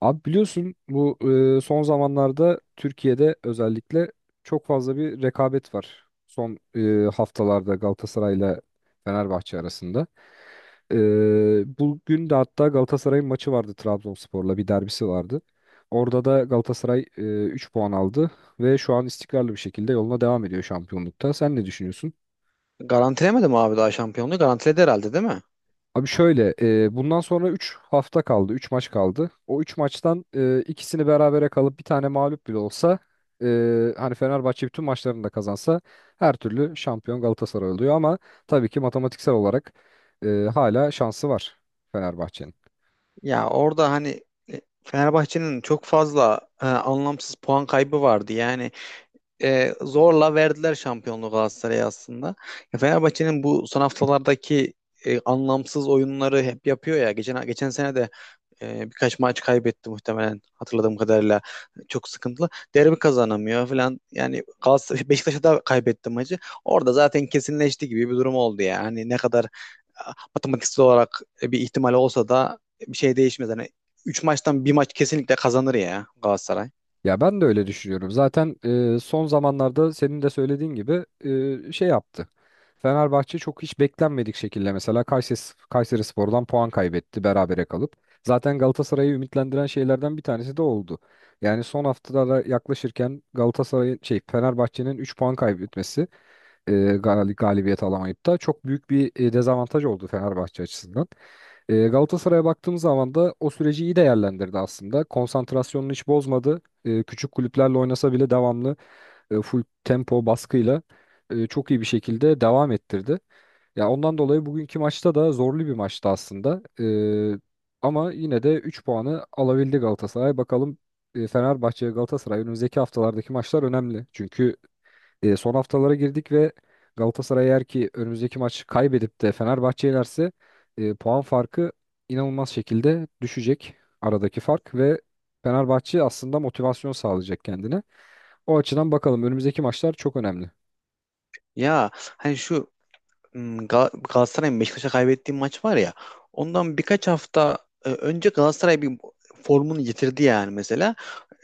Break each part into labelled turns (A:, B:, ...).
A: Abi biliyorsun bu son zamanlarda Türkiye'de özellikle çok fazla bir rekabet var. Son haftalarda Galatasaray'la Fenerbahçe arasında. E, Bugün de hatta Galatasaray'ın maçı vardı, Trabzonspor'la bir derbisi vardı. Orada da Galatasaray 3 puan aldı ve şu an istikrarlı bir şekilde yoluna devam ediyor şampiyonlukta. Sen ne düşünüyorsun?
B: Garantilemedi mi abi daha şampiyonluğu? Garantiledi herhalde değil mi?
A: Abi şöyle, bundan sonra 3 hafta kaldı, 3 maç kaldı. O 3 maçtan ikisini berabere kalıp bir tane mağlup bile olsa, hani Fenerbahçe bütün maçlarını da kazansa her türlü şampiyon Galatasaray oluyor ama tabii ki matematiksel olarak e, hala şansı var Fenerbahçe'nin.
B: Ya orada hani Fenerbahçe'nin çok fazla anlamsız puan kaybı vardı. Yani zorla verdiler şampiyonluğu Galatasaray'a aslında. Ya Fenerbahçe'nin bu son haftalardaki anlamsız oyunları hep yapıyor ya. Geçen sene de birkaç maç kaybetti muhtemelen hatırladığım kadarıyla. Çok sıkıntılı. Derbi kazanamıyor falan. Yani Galatasaray, Beşiktaş'a da kaybetti maçı. Orada zaten kesinleşti gibi bir durum oldu yani. Hani ne kadar matematiksel olarak bir ihtimal olsa da bir şey değişmez. Hani 3 maçtan bir maç kesinlikle kazanır ya Galatasaray.
A: Ya ben de öyle düşünüyorum. Zaten son zamanlarda senin de söylediğin gibi şey yaptı. Fenerbahçe çok hiç beklenmedik şekilde mesela Kayseri Spor'dan puan kaybetti berabere kalıp. Zaten Galatasaray'ı ümitlendiren şeylerden bir tanesi de oldu. Yani son haftalara yaklaşırken Galatasaray'ın şey Fenerbahçe'nin 3 puan kaybetmesi, galibiyet alamayıp da çok büyük bir dezavantaj oldu Fenerbahçe açısından. Galatasaray'a baktığımız zaman da o süreci iyi değerlendirdi aslında. Konsantrasyonunu hiç bozmadı. E, küçük kulüplerle oynasa bile devamlı full tempo baskıyla çok iyi bir şekilde devam ettirdi. Ya ondan dolayı bugünkü maçta da zorlu bir maçtı aslında. Ama yine de 3 puanı alabildi Galatasaray. Bakalım, Fenerbahçe ve Galatasaray önümüzdeki haftalardaki maçlar önemli. Çünkü son haftalara girdik ve Galatasaray eğer ki önümüzdeki maçı kaybedip de Fenerbahçe'ye yenerse puan farkı inanılmaz şekilde düşecek, aradaki fark, ve Fenerbahçe aslında motivasyon sağlayacak kendine. O açıdan bakalım, önümüzdeki maçlar çok önemli.
B: Ya hani şu Galatasaray'ın Beşiktaş'a kaybettiği maç var ya, ondan birkaç hafta önce Galatasaray bir formunu yitirdi yani mesela.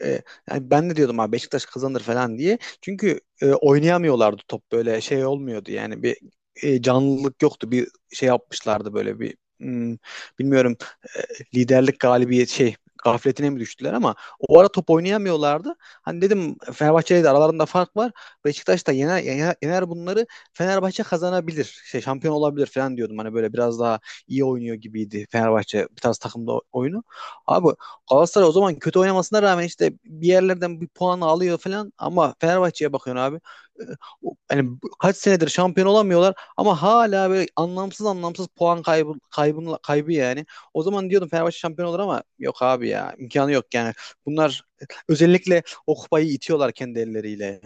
B: E, Yani ben de diyordum abi Beşiktaş kazanır falan diye. Çünkü oynayamıyorlardı, top böyle şey olmuyordu yani, bir canlılık yoktu. Bir şey yapmışlardı böyle bir bilmiyorum, e, liderlik galibiyet şey gafletine mi düştüler, ama o ara top oynayamıyorlardı. Hani dedim Fenerbahçe'yle de aralarında fark var. Beşiktaş da yener, yener, yener bunları. Fenerbahçe kazanabilir, şey şampiyon olabilir falan diyordum. Hani böyle biraz daha iyi oynuyor gibiydi Fenerbahçe bir tarz takımda oyunu. Abi Galatasaray o zaman kötü oynamasına rağmen işte bir yerlerden bir puan alıyor falan, ama Fenerbahçe'ye bakıyorsun abi. E, Hani kaç senedir şampiyon olamıyorlar ama hala böyle anlamsız anlamsız puan kaybı, kaybı, kaybı yani. O zaman diyordum Fenerbahçe şampiyon olur ama yok abi ya, imkanı yok yani. Bunlar özellikle o kupayı itiyorlar kendi elleriyle.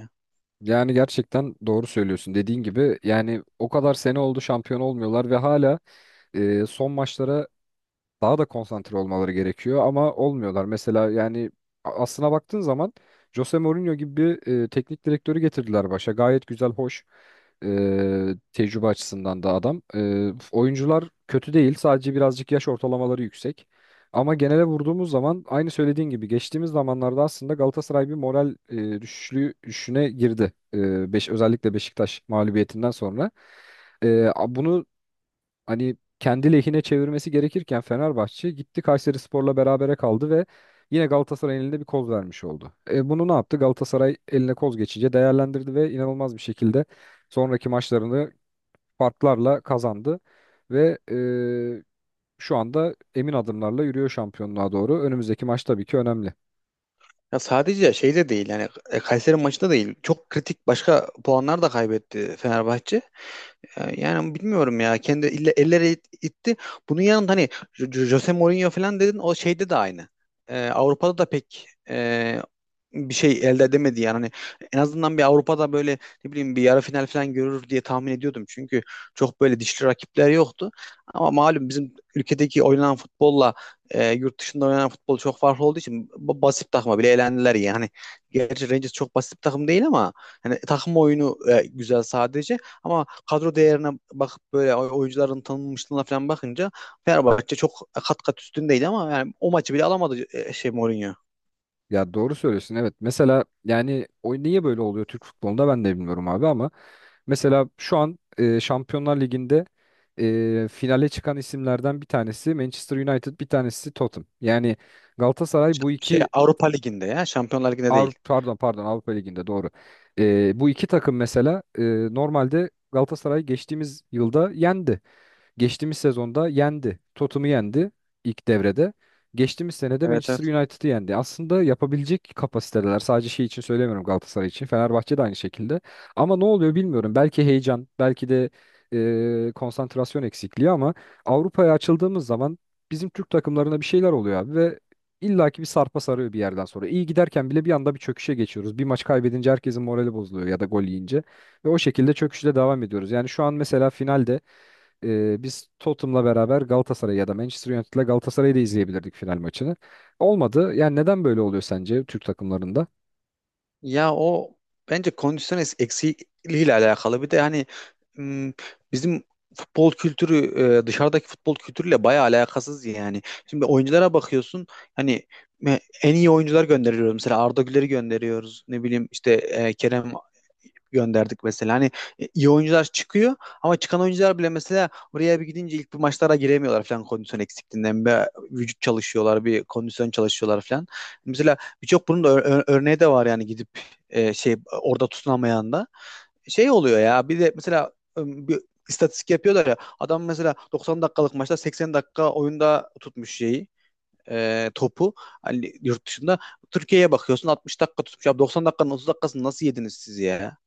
A: Yani gerçekten doğru söylüyorsun. Dediğin gibi yani o kadar sene oldu şampiyon olmuyorlar ve hala son maçlara daha da konsantre olmaları gerekiyor ama olmuyorlar. Mesela yani aslına baktığın zaman Jose Mourinho gibi bir teknik direktörü getirdiler başa. Gayet güzel, hoş, tecrübe açısından da adam. E, oyuncular kötü değil, sadece birazcık yaş ortalamaları yüksek. Ama genele vurduğumuz zaman aynı söylediğin gibi geçtiğimiz zamanlarda aslında Galatasaray bir moral e, düşüşlüğü düşüşüne girdi. E, beş, özellikle Beşiktaş mağlubiyetinden sonra. Bunu hani kendi lehine çevirmesi gerekirken Fenerbahçe gitti Kayserispor'la berabere kaldı ve yine Galatasaray'ın elinde bir koz vermiş oldu. E, bunu ne yaptı? Galatasaray eline koz geçince değerlendirdi ve inanılmaz bir şekilde sonraki maçlarını farklarla kazandı ve şu anda emin adımlarla yürüyor şampiyonluğa doğru. Önümüzdeki maç tabii ki önemli.
B: Ya sadece şeyde değil yani, Kayseri maçında değil. Çok kritik başka puanlar da kaybetti Fenerbahçe. Yani bilmiyorum ya, kendi elleri itti. Bunun yanında hani Jose Mourinho falan dedin, o şeyde de aynı. Avrupa'da da pek bir şey elde edemedi yani. Hani en azından bir Avrupa'da böyle ne bileyim bir yarı final falan görür diye tahmin ediyordum. Çünkü çok böyle dişli rakipler yoktu. Ama malum bizim ülkedeki oynanan futbolla yurt dışında oynanan futbol çok farklı olduğu için basit takıma bile elendiler yani. Hani, gerçi Rangers çok basit bir takım değil ama hani takım oyunu güzel sadece. Ama kadro değerine bakıp böyle oyuncuların tanınmışlığına falan bakınca Fenerbahçe çok kat kat üstündeydi, ama yani o maçı bile alamadı şey Mourinho.
A: Ya doğru söylüyorsun, evet. Mesela yani o niye böyle oluyor Türk futbolunda ben de bilmiyorum abi, ama mesela şu an Şampiyonlar Ligi'nde finale çıkan isimlerden bir tanesi Manchester United, bir tanesi Tottenham. Yani Galatasaray bu
B: Şey
A: iki
B: Avrupa Ligi'nde ya, Şampiyonlar Ligi'nde
A: Avrupa,
B: değil.
A: pardon, Avrupa Ligi'nde, doğru. Bu iki takım mesela, normalde Galatasaray geçtiğimiz yılda yendi. Geçtiğimiz sezonda yendi. Tottenham'ı yendi ilk devrede. Geçtiğimiz senede
B: Evet,
A: Manchester
B: evet.
A: United'ı yendi. Aslında yapabilecek kapasiteler. Sadece şey için söylemiyorum, Galatasaray için. Fenerbahçe de aynı şekilde. Ama ne oluyor bilmiyorum. Belki heyecan, belki de konsantrasyon eksikliği, ama Avrupa'ya açıldığımız zaman bizim Türk takımlarına bir şeyler oluyor abi ve illaki bir sarpa sarıyor bir yerden sonra. İyi giderken bile bir anda bir çöküşe geçiyoruz. Bir maç kaybedince herkesin morali bozuluyor ya da gol yiyince. Ve o şekilde çöküşle devam ediyoruz. Yani şu an mesela finalde biz Tottenham'la beraber Galatasaray ya da Manchester United'la Galatasaray'ı da izleyebilirdik final maçını. Olmadı. Yani neden böyle oluyor sence Türk takımlarında?
B: Ya o bence kondisyon eksikliğiyle alakalı. Bir de hani, m, bizim futbol kültürü dışarıdaki futbol kültürüyle bayağı alakasız yani. Şimdi oyunculara bakıyorsun, hani en iyi oyuncular gönderiyoruz. Mesela Arda Güler'i gönderiyoruz. Ne bileyim işte Kerem gönderdik mesela. Hani iyi oyuncular çıkıyor, ama çıkan oyuncular bile mesela oraya bir gidince ilk bir maçlara giremiyorlar falan, kondisyon eksikliğinden. Bir vücut çalışıyorlar, bir kondisyon çalışıyorlar falan. Mesela birçok bunun da örneği de var yani, gidip şey orada tutunamayan da şey oluyor ya. Bir de mesela bir istatistik yapıyorlar ya, adam mesela 90 dakikalık maçta 80 dakika oyunda tutmuş şeyi, topu, hani yurt dışında. Türkiye'ye bakıyorsun 60 dakika tutmuş. Ya 90 dakikanın 30 dakikasını nasıl yediniz siz ya?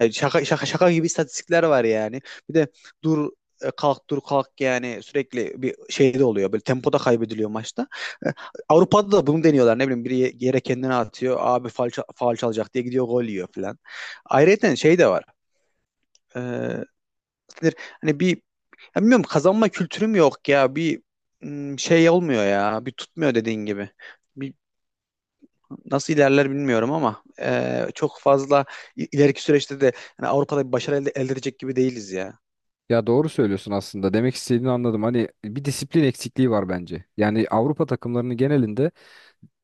B: Yani şaka gibi istatistikler var yani. Bir de dur, kalk, dur, kalk yani, sürekli bir şeyde oluyor. Böyle tempoda kaybediliyor maçta. E, Avrupa'da da bunu deniyorlar. Ne bileyim biri yere kendini atıyor. Abi faul, faul çalacak diye gidiyor, gol yiyor falan. Ayrıca şey de var. E, Nedir? Hani bir, ya bilmiyorum, kazanma kültürüm yok ya. Bir, şey olmuyor ya. Bir tutmuyor dediğin gibi. Bir, nasıl ilerler bilmiyorum ama çok fazla ileriki süreçte de yani Avrupa'da bir başarı elde edecek gibi değiliz ya.
A: Ya doğru söylüyorsun aslında. Demek istediğini anladım. Hani bir disiplin eksikliği var bence. Yani Avrupa takımlarının genelinde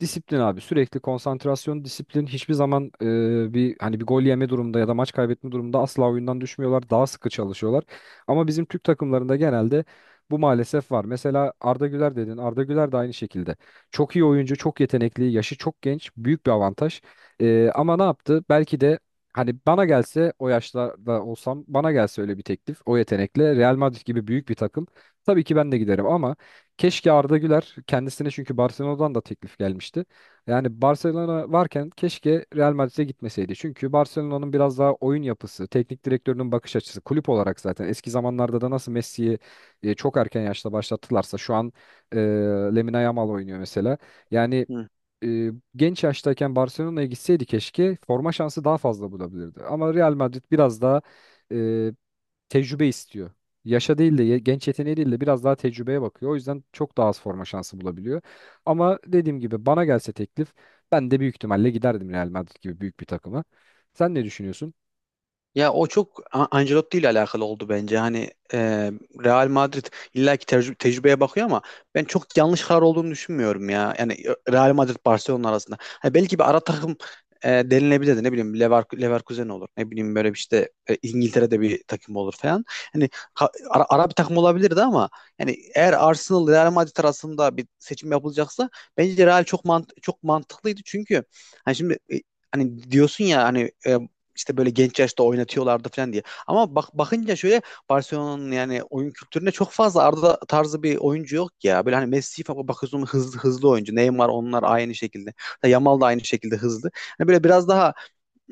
A: disiplin abi, sürekli konsantrasyon, disiplin, hiçbir zaman bir hani bir gol yeme durumda ya da maç kaybetme durumunda asla oyundan düşmüyorlar. Daha sıkı çalışıyorlar. Ama bizim Türk takımlarında genelde bu maalesef var. Mesela Arda Güler dedin. Arda Güler de aynı şekilde. Çok iyi oyuncu, çok yetenekli, yaşı çok genç, büyük bir avantaj. E, ama ne yaptı? Belki de hani bana gelse, o yaşlarda olsam, bana gelse öyle bir teklif, o yetenekle Real Madrid gibi büyük bir takım, tabii ki ben de giderim, ama keşke Arda Güler kendisine, çünkü Barcelona'dan da teklif gelmişti. Yani Barcelona varken keşke Real Madrid'e gitmeseydi. Çünkü Barcelona'nın biraz daha oyun yapısı, teknik direktörünün bakış açısı, kulüp olarak zaten eski zamanlarda da nasıl Messi'yi çok erken yaşta başlattılarsa, şu an e, Lamine Yamal oynuyor mesela. Yani
B: Hı.
A: genç yaştayken Barcelona'ya gitseydi keşke forma şansı daha fazla bulabilirdi. Ama Real Madrid biraz daha e, tecrübe istiyor. Yaşa değil de genç yeteneği değil de biraz daha tecrübeye bakıyor. O yüzden çok daha az forma şansı bulabiliyor. Ama dediğim gibi bana gelse teklif, ben de büyük ihtimalle giderdim Real Madrid gibi büyük bir takıma. Sen ne düşünüyorsun?
B: Ya o çok Ancelotti ile alakalı oldu bence. Hani Real Madrid illaki tecrübeye bakıyor ama ben çok yanlış karar olduğunu düşünmüyorum ya. Yani Real Madrid Barcelona arasında. Hani belki bir ara takım denilebilirdi. Ne bileyim Leverkusen olur. Ne bileyim böyle bir, işte İngiltere'de bir takım olur falan. Hani ara bir takım olabilirdi, ama yani eğer Arsenal Real Madrid arasında bir seçim yapılacaksa bence Real çok mantıklıydı. Çünkü hani şimdi, hani diyorsun ya hani, e, işte böyle genç yaşta oynatıyorlardı falan diye. Ama bak, bakınca şöyle, Barcelona'nın yani oyun kültüründe çok fazla Arda tarzı bir oyuncu yok ya. Böyle hani Messi falan bakıyorsun, hızlı hızlı oyuncu. Neymar onlar aynı şekilde. Hatta Yamal da aynı şekilde hızlı. Hani böyle biraz daha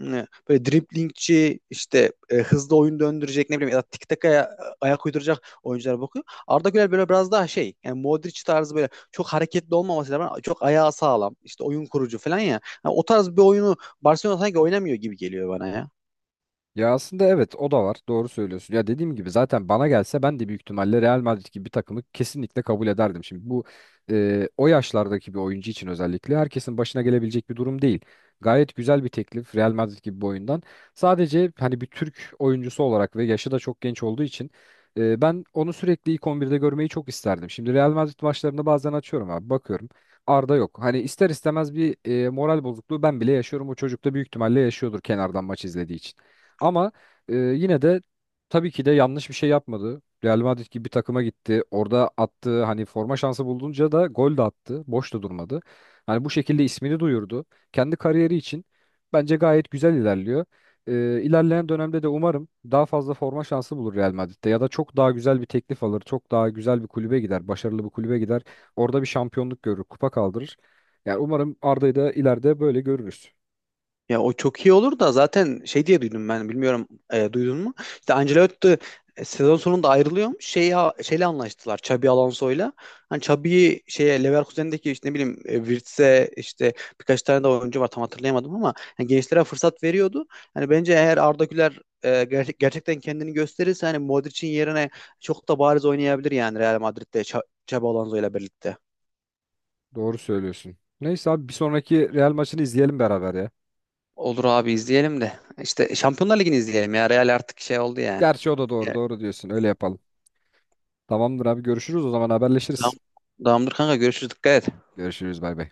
B: böyle driblingçi, işte hızlı oyun döndürecek, ne bileyim, ya da tiki takaya ayak uyduracak oyunculara bakıyor. Arda Güler böyle biraz daha şey yani, Modric tarzı, böyle çok hareketli olmaması lazım, çok ayağı sağlam, işte oyun kurucu falan ya. Yani o tarz bir oyunu Barcelona sanki oynamıyor gibi geliyor bana ya.
A: Ya aslında evet, o da var. Doğru söylüyorsun. Ya dediğim gibi zaten bana gelse ben de büyük ihtimalle Real Madrid gibi bir takımı kesinlikle kabul ederdim. Şimdi bu o yaşlardaki bir oyuncu için özellikle herkesin başına gelebilecek bir durum değil. Gayet güzel bir teklif Real Madrid gibi bir oyundan. Sadece hani bir Türk oyuncusu olarak ve yaşı da çok genç olduğu için ben onu sürekli ilk 11'de görmeyi çok isterdim. Şimdi Real Madrid maçlarını bazen açıyorum abi, bakıyorum. Arda yok. Hani ister istemez bir moral bozukluğu ben bile yaşıyorum. O çocuk da büyük ihtimalle yaşıyordur kenardan maç izlediği için. Ama yine de tabii ki de yanlış bir şey yapmadı. Real Madrid gibi bir takıma gitti. Orada attığı, hani forma şansı bulduğunca da gol de attı. Boş da durmadı. Hani bu şekilde ismini duyurdu. Kendi kariyeri için bence gayet güzel ilerliyor. E, ilerleyen dönemde de umarım daha fazla forma şansı bulur Real Madrid'de ya da çok daha güzel bir teklif alır. Çok daha güzel bir kulübe gider. Başarılı bir kulübe gider. Orada bir şampiyonluk görür, kupa kaldırır. Yani umarım Arda'yı da ileride böyle görürüz.
B: Ya o çok iyi olur da, zaten şey diye duydum ben, bilmiyorum, duydun mu? İşte Ancelotti sezon sonunda ayrılıyormuş. Şey, şeyle anlaştılar, Xabi Alonso'yla. Hani Xabi'yi şeye, Leverkusen'deki işte, ne bileyim, Wirtz'e, işte birkaç tane de oyuncu var tam hatırlayamadım, ama yani gençlere fırsat veriyordu. Hani bence eğer Arda Güler gerçekten kendini gösterirse, hani Modric'in yerine çok da bariz oynayabilir yani Real Madrid'de, Xabi Alonso'yla birlikte.
A: Doğru söylüyorsun. Neyse abi, bir sonraki Real maçını izleyelim beraber ya.
B: Olur abi, izleyelim de. İşte Şampiyonlar Ligi'ni izleyelim ya. Real artık şey oldu yani.
A: Gerçi o da doğru. Doğru diyorsun. Öyle yapalım. Tamamdır abi, görüşürüz o zaman,
B: Tamam.
A: haberleşiriz.
B: Tamamdır kanka, görüşürüz, dikkat et.
A: Görüşürüz, bay bay.